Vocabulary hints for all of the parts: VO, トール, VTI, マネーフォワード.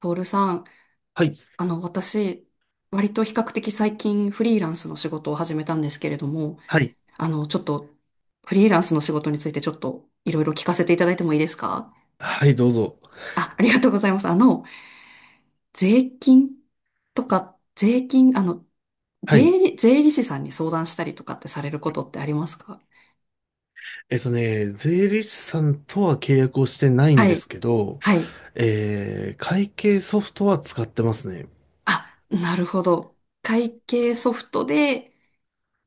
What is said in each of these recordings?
トールさん、はい、私、割と比較的最近フリーランスの仕事を始めたんですけれども、はい、あの、ちょっと、フリーランスの仕事についてちょっといろいろ聞かせていただいてもいいですか？はい、どうぞ。あ、ありがとうございます。税金とか、税金、はい。税理士さんに相談したりとかってされることってありますか？税理士さんとは契約をしてないんはでい、すけど、はい。会計ソフトは使ってますね。あ、なるほど。会計ソフトで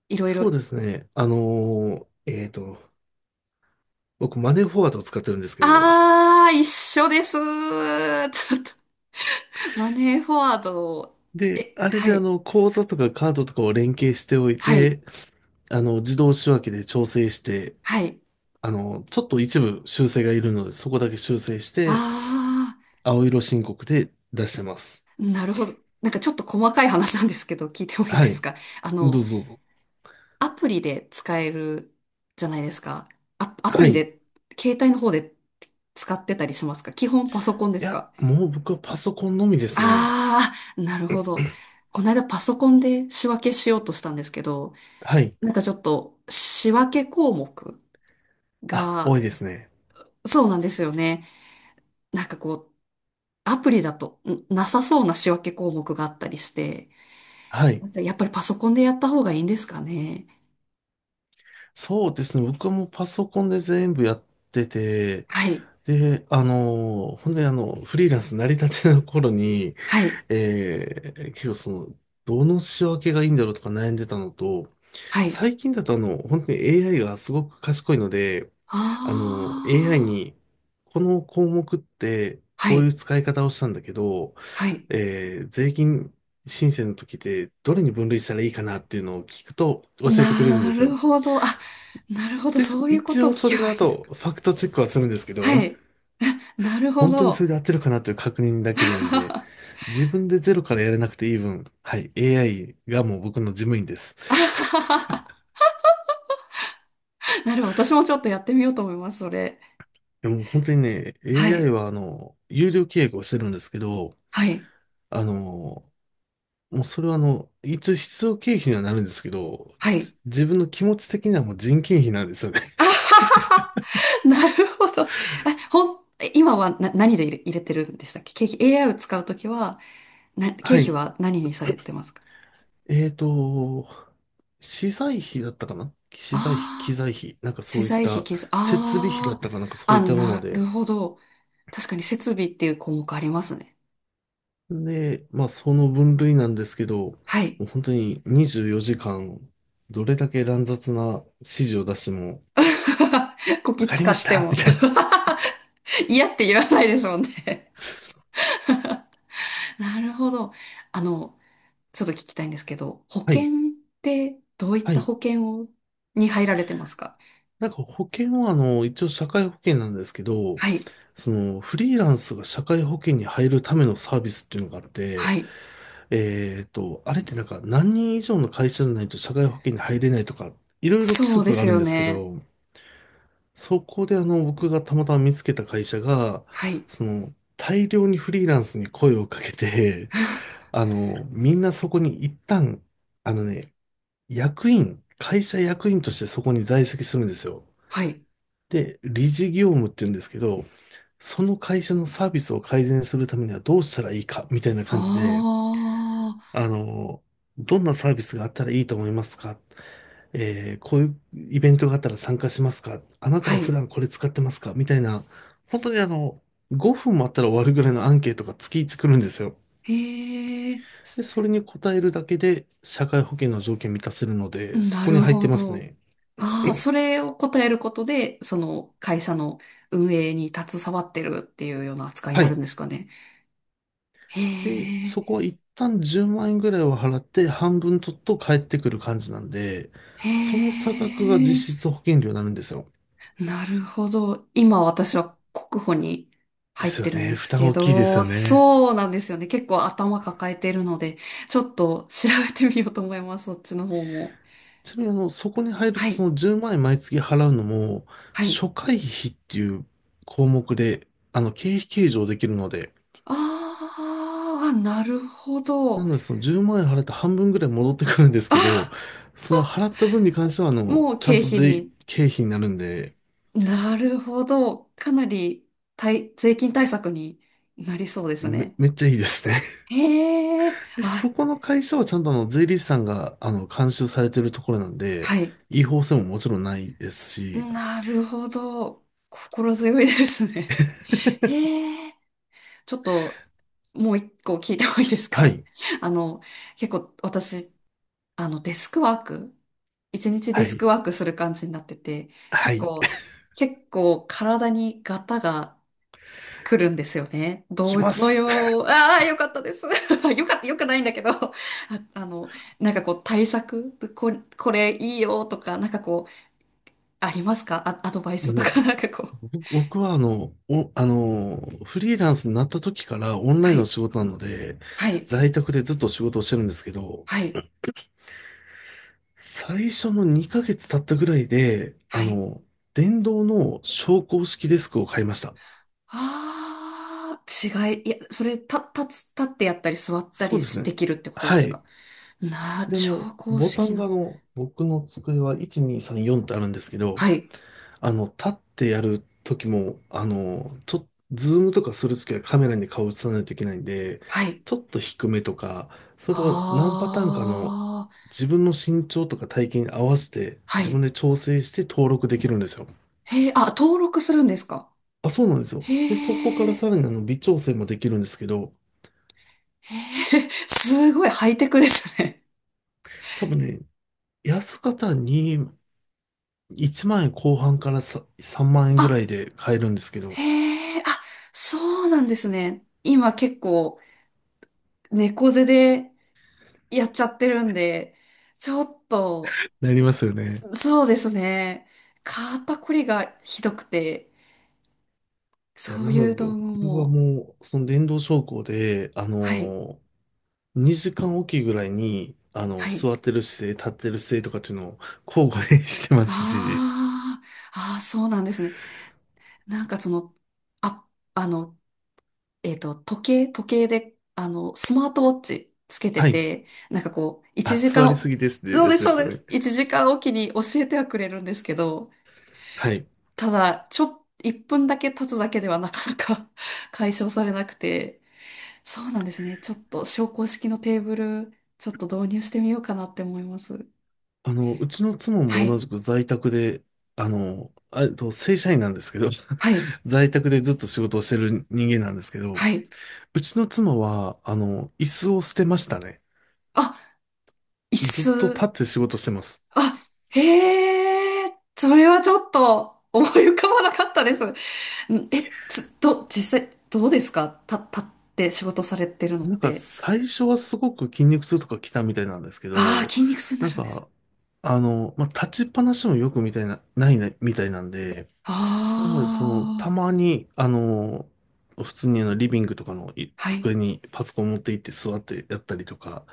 いろいそうろ、ですね。僕、マネーフォワードを使ってるんですけど、あー、一緒です。ちょっとマネーフォワード、で、え、あれはでい、口座とかカードとかを連携しておいはい、て、自動仕分けで調整して、はい。ちょっと一部修正がいるので、そこだけ修正して、あ青色申告で出してます。ー、なるほど。なんかちょっと細かい話なんですけど、聞いてもいいはですい。か？あどの、うぞどうぞ。アプリで使えるじゃないですか。アプはリい。で、携帯の方で使ってたりしますか？基本パソコンでいすや、か？もう僕はパソコンのみですね。ああ、なるほど。この間パソコンで仕分けしようとしたんですけど、はい。なんかちょっと仕分け項目あ、多いが、ですね。そうなんですよね。なんかこう、アプリだとんなさそうな仕分け項目があったりして、はい。やっぱりパソコンでやった方がいいんですかね。そうですね。僕はもうパソコンで全部やってて、はい、で、ほんでフリーランス成り立ての頃に、はい、結構その、どの仕分けがいいんだろうとか悩んでたのと、はい。最近だと本当に AI がすごく賢いので、AI ああ、に、この項目って、はこういうい、使い方をしたんだけど、はい。税金申請の時でどれに分類したらいいかなっていうのを聞くと教えてくれるんでなするよ。ほど。あ、なるほど。で、そういうこ一とを応聞そければのいいの後、か。ファクトチェックはするんですけど、はい。なるほ本当にそど。れ で合ってるかなという確認だけでいいんで、自分でゼロからやれなくていい分、はい、AI がもう僕の事務員です。なるほど。私もちょっとやってみようと思います、それ。でも本当にね、は AI い。は有料契約をしてるんですけど、はい。あの、もうそれは一応必要経費にはなるんですけど、はい。自分の気持ち的にはもう人件費なんですよね。なるほど。あ、え今はな、何で入れ、入れてるんでしたっけ？ケーキ AI を使うときは、な、経は費い。は何にされてますか？えーと、資材費だったかな、資材費、機ああー、材費、なんか資そういっ材費、た設備費だあったかなんかあ、そうあ、いったものなるで、ほど。確かに設備っていう項目ありますね。で、まあその分類なんですけど、もはい。う本当に24時間、どれだけ乱雑な指示を出しても、こわきかり使ましってたみも たいな。嫌って言わないですもんね。 なるほど。あの、ちょっと聞きたいんですけど、保 はい。険ってどういっはたい。保険を、に入られてますか？なんか保険は一応社会保険なんですけど、はい。そのフリーランスが社会保険に入るためのサービスっていうのがあっはて、い。あれってなんか何人以上の会社じゃないと社会保険に入れないとか、いろいろ規そうで則があするんよですけね。ど、そこで僕がたまたま見つけた会社が、はい。その、大量にフリーランスに声をかけて、みんなそこに一旦、あのね、会社役員としてそこに在籍するんですよ。はい。で、理事業務って言うんですけど、その会社のサービスを改善するためにはどうしたらいいか、みたいなあ感じで、あ。あの、どんなサービスがあったらいいと思いますか？こういうイベントがあったら参加しますか？あなたはは普い。段これ使ってますか？みたいな、本当に5分もあったら終わるぐらいのアンケートが月1来るんですよ。へえ、で、すそれに答えるだけで社会保険の条件満たせるので、そなこにる入ってほますど。ね。ああ、それを答えることで、その会社の運営に携わってるっていうような扱いにはなるんい。ですかね。へで、え、そこは一旦10万円ぐらいを払って半分取っと返ってくる感じなんで、へその差額がえ、実質保険料になるんですよ。なるほど。今私は国保にで入っすてよるんね。で負す担け大きいですど、よね。そうなんですよね。結構頭抱えてるので、ちょっと調べてみようと思います。そっちの方も。ちなみにそこに入るはとそい、の10万円毎月払うのも、はい。初回費っていう項目で、経費計上できるので、ああ、なるほなど。のでその10万円払って半分ぐらい戻ってくるんですあ、けど、その払った分に関してはもうちゃん経と費に経費になるんで、なるほど。かなり対税金対策になりそうですめ、ね。めっちゃいいですね。へえ、で、はそい、この会社はちゃんと税理士さんが監修されてるところなんで、はい。違法性ももちろんないですし、なるほど。心強いですね。へえ、ちょっと、もう一個聞いてもいいですはか？ い、あの、結構私、あの、デスクワーク、一日はデスクい、ワークする感じになってて、は結い、構、結構体にガタが来るんですよね。来どまのす。よう、ああ、よかったです。よかった、よくないんだけど、あ、あの、なんかこう対策、こ、これいいよとか、なんかこう、ありますか？あ、アドバイもスうとか、ね、なんかこう。僕はあの、お、あの、フリーランスになった時からオンラインはのい、仕事なので、はい、在宅でずっと仕事をしてるんですけど、はい、最初の2ヶ月経ったぐらいで、はい。電動の昇降式デスクを買いました。ああ、違い、いや、それ、た、立つ、立ってやったり座ったそりうですでね。きるってことではすい。か？な、で、昇降ボタ式ンがの。僕の机は1、2、3、4ってあるんですけど、はい、立ってやる時も、ちょっとズームとかするときはカメラに顔映さないといけないんで、はい。ちょっと低めとか、それを何パターンかのああ、自分の身長とか体型に合わせて、は自分い。で調整して登録できるんですよ。へえ、あ、登録するんですか？あ、そうなんですよ。で、そこからへさえ。らにあの微調整もできるんですけど、へえ、すごいハイテクですね。多分ね、安方に1万円後半からさ3万円ぐらいあ、で買えるんですけど、へえ、あ、そうなんですね。今結構猫背でやっちゃってるんで、ちょっと、なりますよね。そうですね。肩こりがひどくて、いや、そうないのでう道具僕はも、もう、その電動昇降で、はい、2時間おきぐらいに、はい。座ってる姿勢、立ってる姿勢とかっていうのを交互で してますし、ああ、ああ、そうなんですね。なんかその、あ、あの、時計で、スマートウォッチつけてはい。て、なんかこう、あ、1座時りす間、ぎですってそうやでつす、でそすうよでね。す。1時間おきに教えてはくれるんですけど、はい。ただ、ちょっ、1分だけ経つだけではなかなか 解消されなくて、そうなんですね。ちょっと、昇降式のテーブル、ちょっと導入してみようかなって思います。うちの妻はも同い、じく在宅で、正社員なんですけど、はい、在宅でずっと仕事をしてる人間なんですけど、はい。うちの妻は、椅子を捨てましたね。あ、椅ずっと立っ子。て仕事してます。あ、へえ、それはちょっと、思い浮かばなかったです。んえ、つ、ど、実際、どうですか？た、立って仕事されてるのっなんかて。最初はすごく筋肉痛とか来たみたいなんですけああ、ど、筋肉痛にななんるんです。か、まあ、立ちっぱなしもよくみたいな、ないな、みたいなんで、なのでその、たあまあ、に、普通にあのリビングとかのいはい。机にパソコン持って行って座ってやったりとか、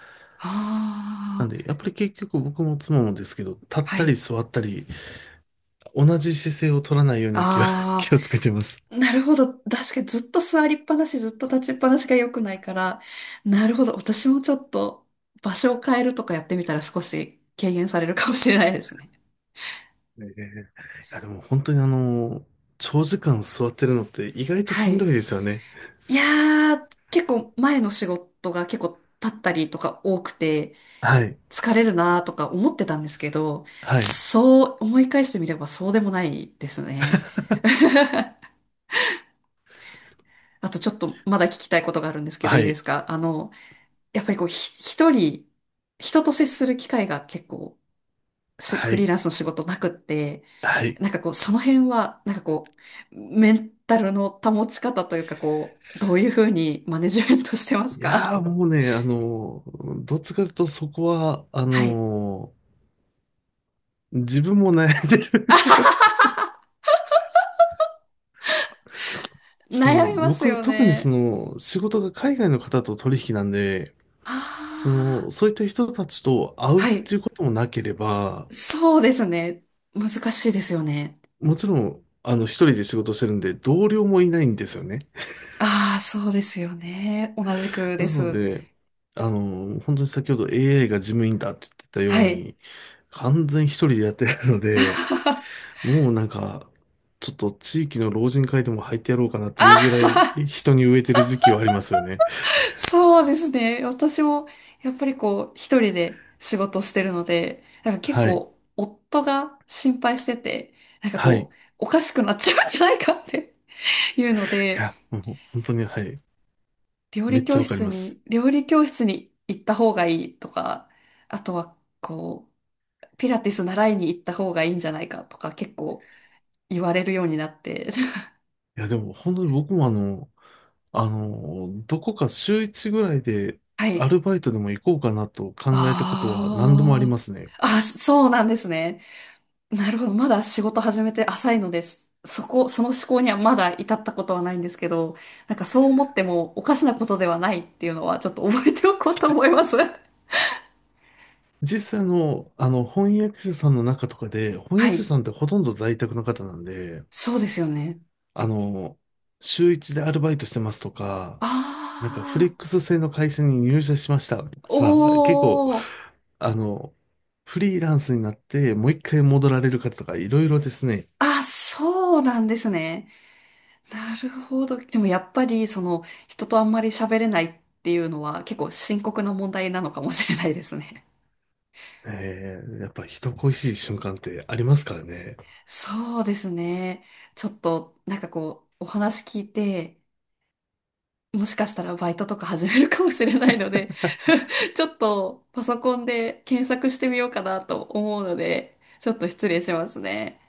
なんああ、で、やっぱり結局僕も妻もですけど、立っはたりい。座ったり、同じ姿勢を取らないような気を、あ気をつけてます。あ、なるほど。確かにずっと座りっぱなし、ずっと立ちっぱなしが良くないから。なるほど。私もちょっと場所を変えるとかやってみたら少し軽減されるかもしれないですね。ええ、いや、でも本当に長時間座ってるのって意外とはしんどい。いですよね。いやー、結構前の仕事が結構立ったりとか多くて、はい。疲れるなとか思ってたんですけど、はい。そう思い返してみればそうでもないですね。あとちょっとまだ聞きたいことがあるんですけどはいいでい。すか？やっぱりこうひ一人、人と接する機会が結構しはフリーい。ランスの仕事なくって、はい。なんかこうその辺は、なんかこう、メンタルの保ち方というかこう、どういうふうにマネジメントしてますいか？やーもうね、どっちかというとそこは、はい。自分も悩んでる。 そ悩の、みます僕はよ特にそね。の、仕事が海外の方と取引なんで、あそあ、の、そういった人たちと会うっはい。ていうこともなければ、そうですね。難しいですよね。もちろん、一人で仕事してるんで、同僚もいないんですよね。ああ、そうですよね。同じくでなのす。で、あの本当に先ほど AI が事務員だって言ってたようはい。に、完全一人でやってるの で、あもうなんか、ちょっと地域の老人会でも入ってやろうかなといあ、うぐらい人に植えてる時期はありますよね。そうですね。私も、やっぱりこう、一人で仕事してるので、なんか結はい。構、夫が心配してて、なんかはい。こいう、おかしくなっちゃうんじゃないかっていうので、や、もう本当に、はい。めっちゃわかります。料理教室に行った方がいいとか、あとは、こう、ピラティス習いに行った方がいいんじゃないかとか結構言われるようになって、いや、でも本当に僕もどこか週一ぐらいで はアい。ルバイトでも行こうかなと考えたことは何度もありあますね。あ。あ、そうなんですね。なるほど。まだ仕事始めて浅いのです。その思考にはまだ至ったことはないんですけど、なんかそう思ってもおかしなことではないっていうのはちょっと覚えておこうと思います。実際の、翻訳者さんの中とかで、翻は訳者い。さんってほとんど在宅の方なんで、そうですよね。あの、週一でアルバイトしてますとか、なんかフレあックス制の会社に入社しましたとあ。か、結構、おー。あの、フリーランスになってもう一回戻られる方とかいろいろですね。あ、そうなんですね。なるほど。でもやっぱり、その、人とあんまり喋れないっていうのは結構深刻な問題なのかもしれないですね。やっぱ人恋しい瞬間ってありますからね。そうですね。ちょっと、なんかこう、お話聞いて、もしかしたらバイトとか始めるかもしれないので ちょっとパソコンで検索してみようかなと思うので、ちょっと失礼しますね。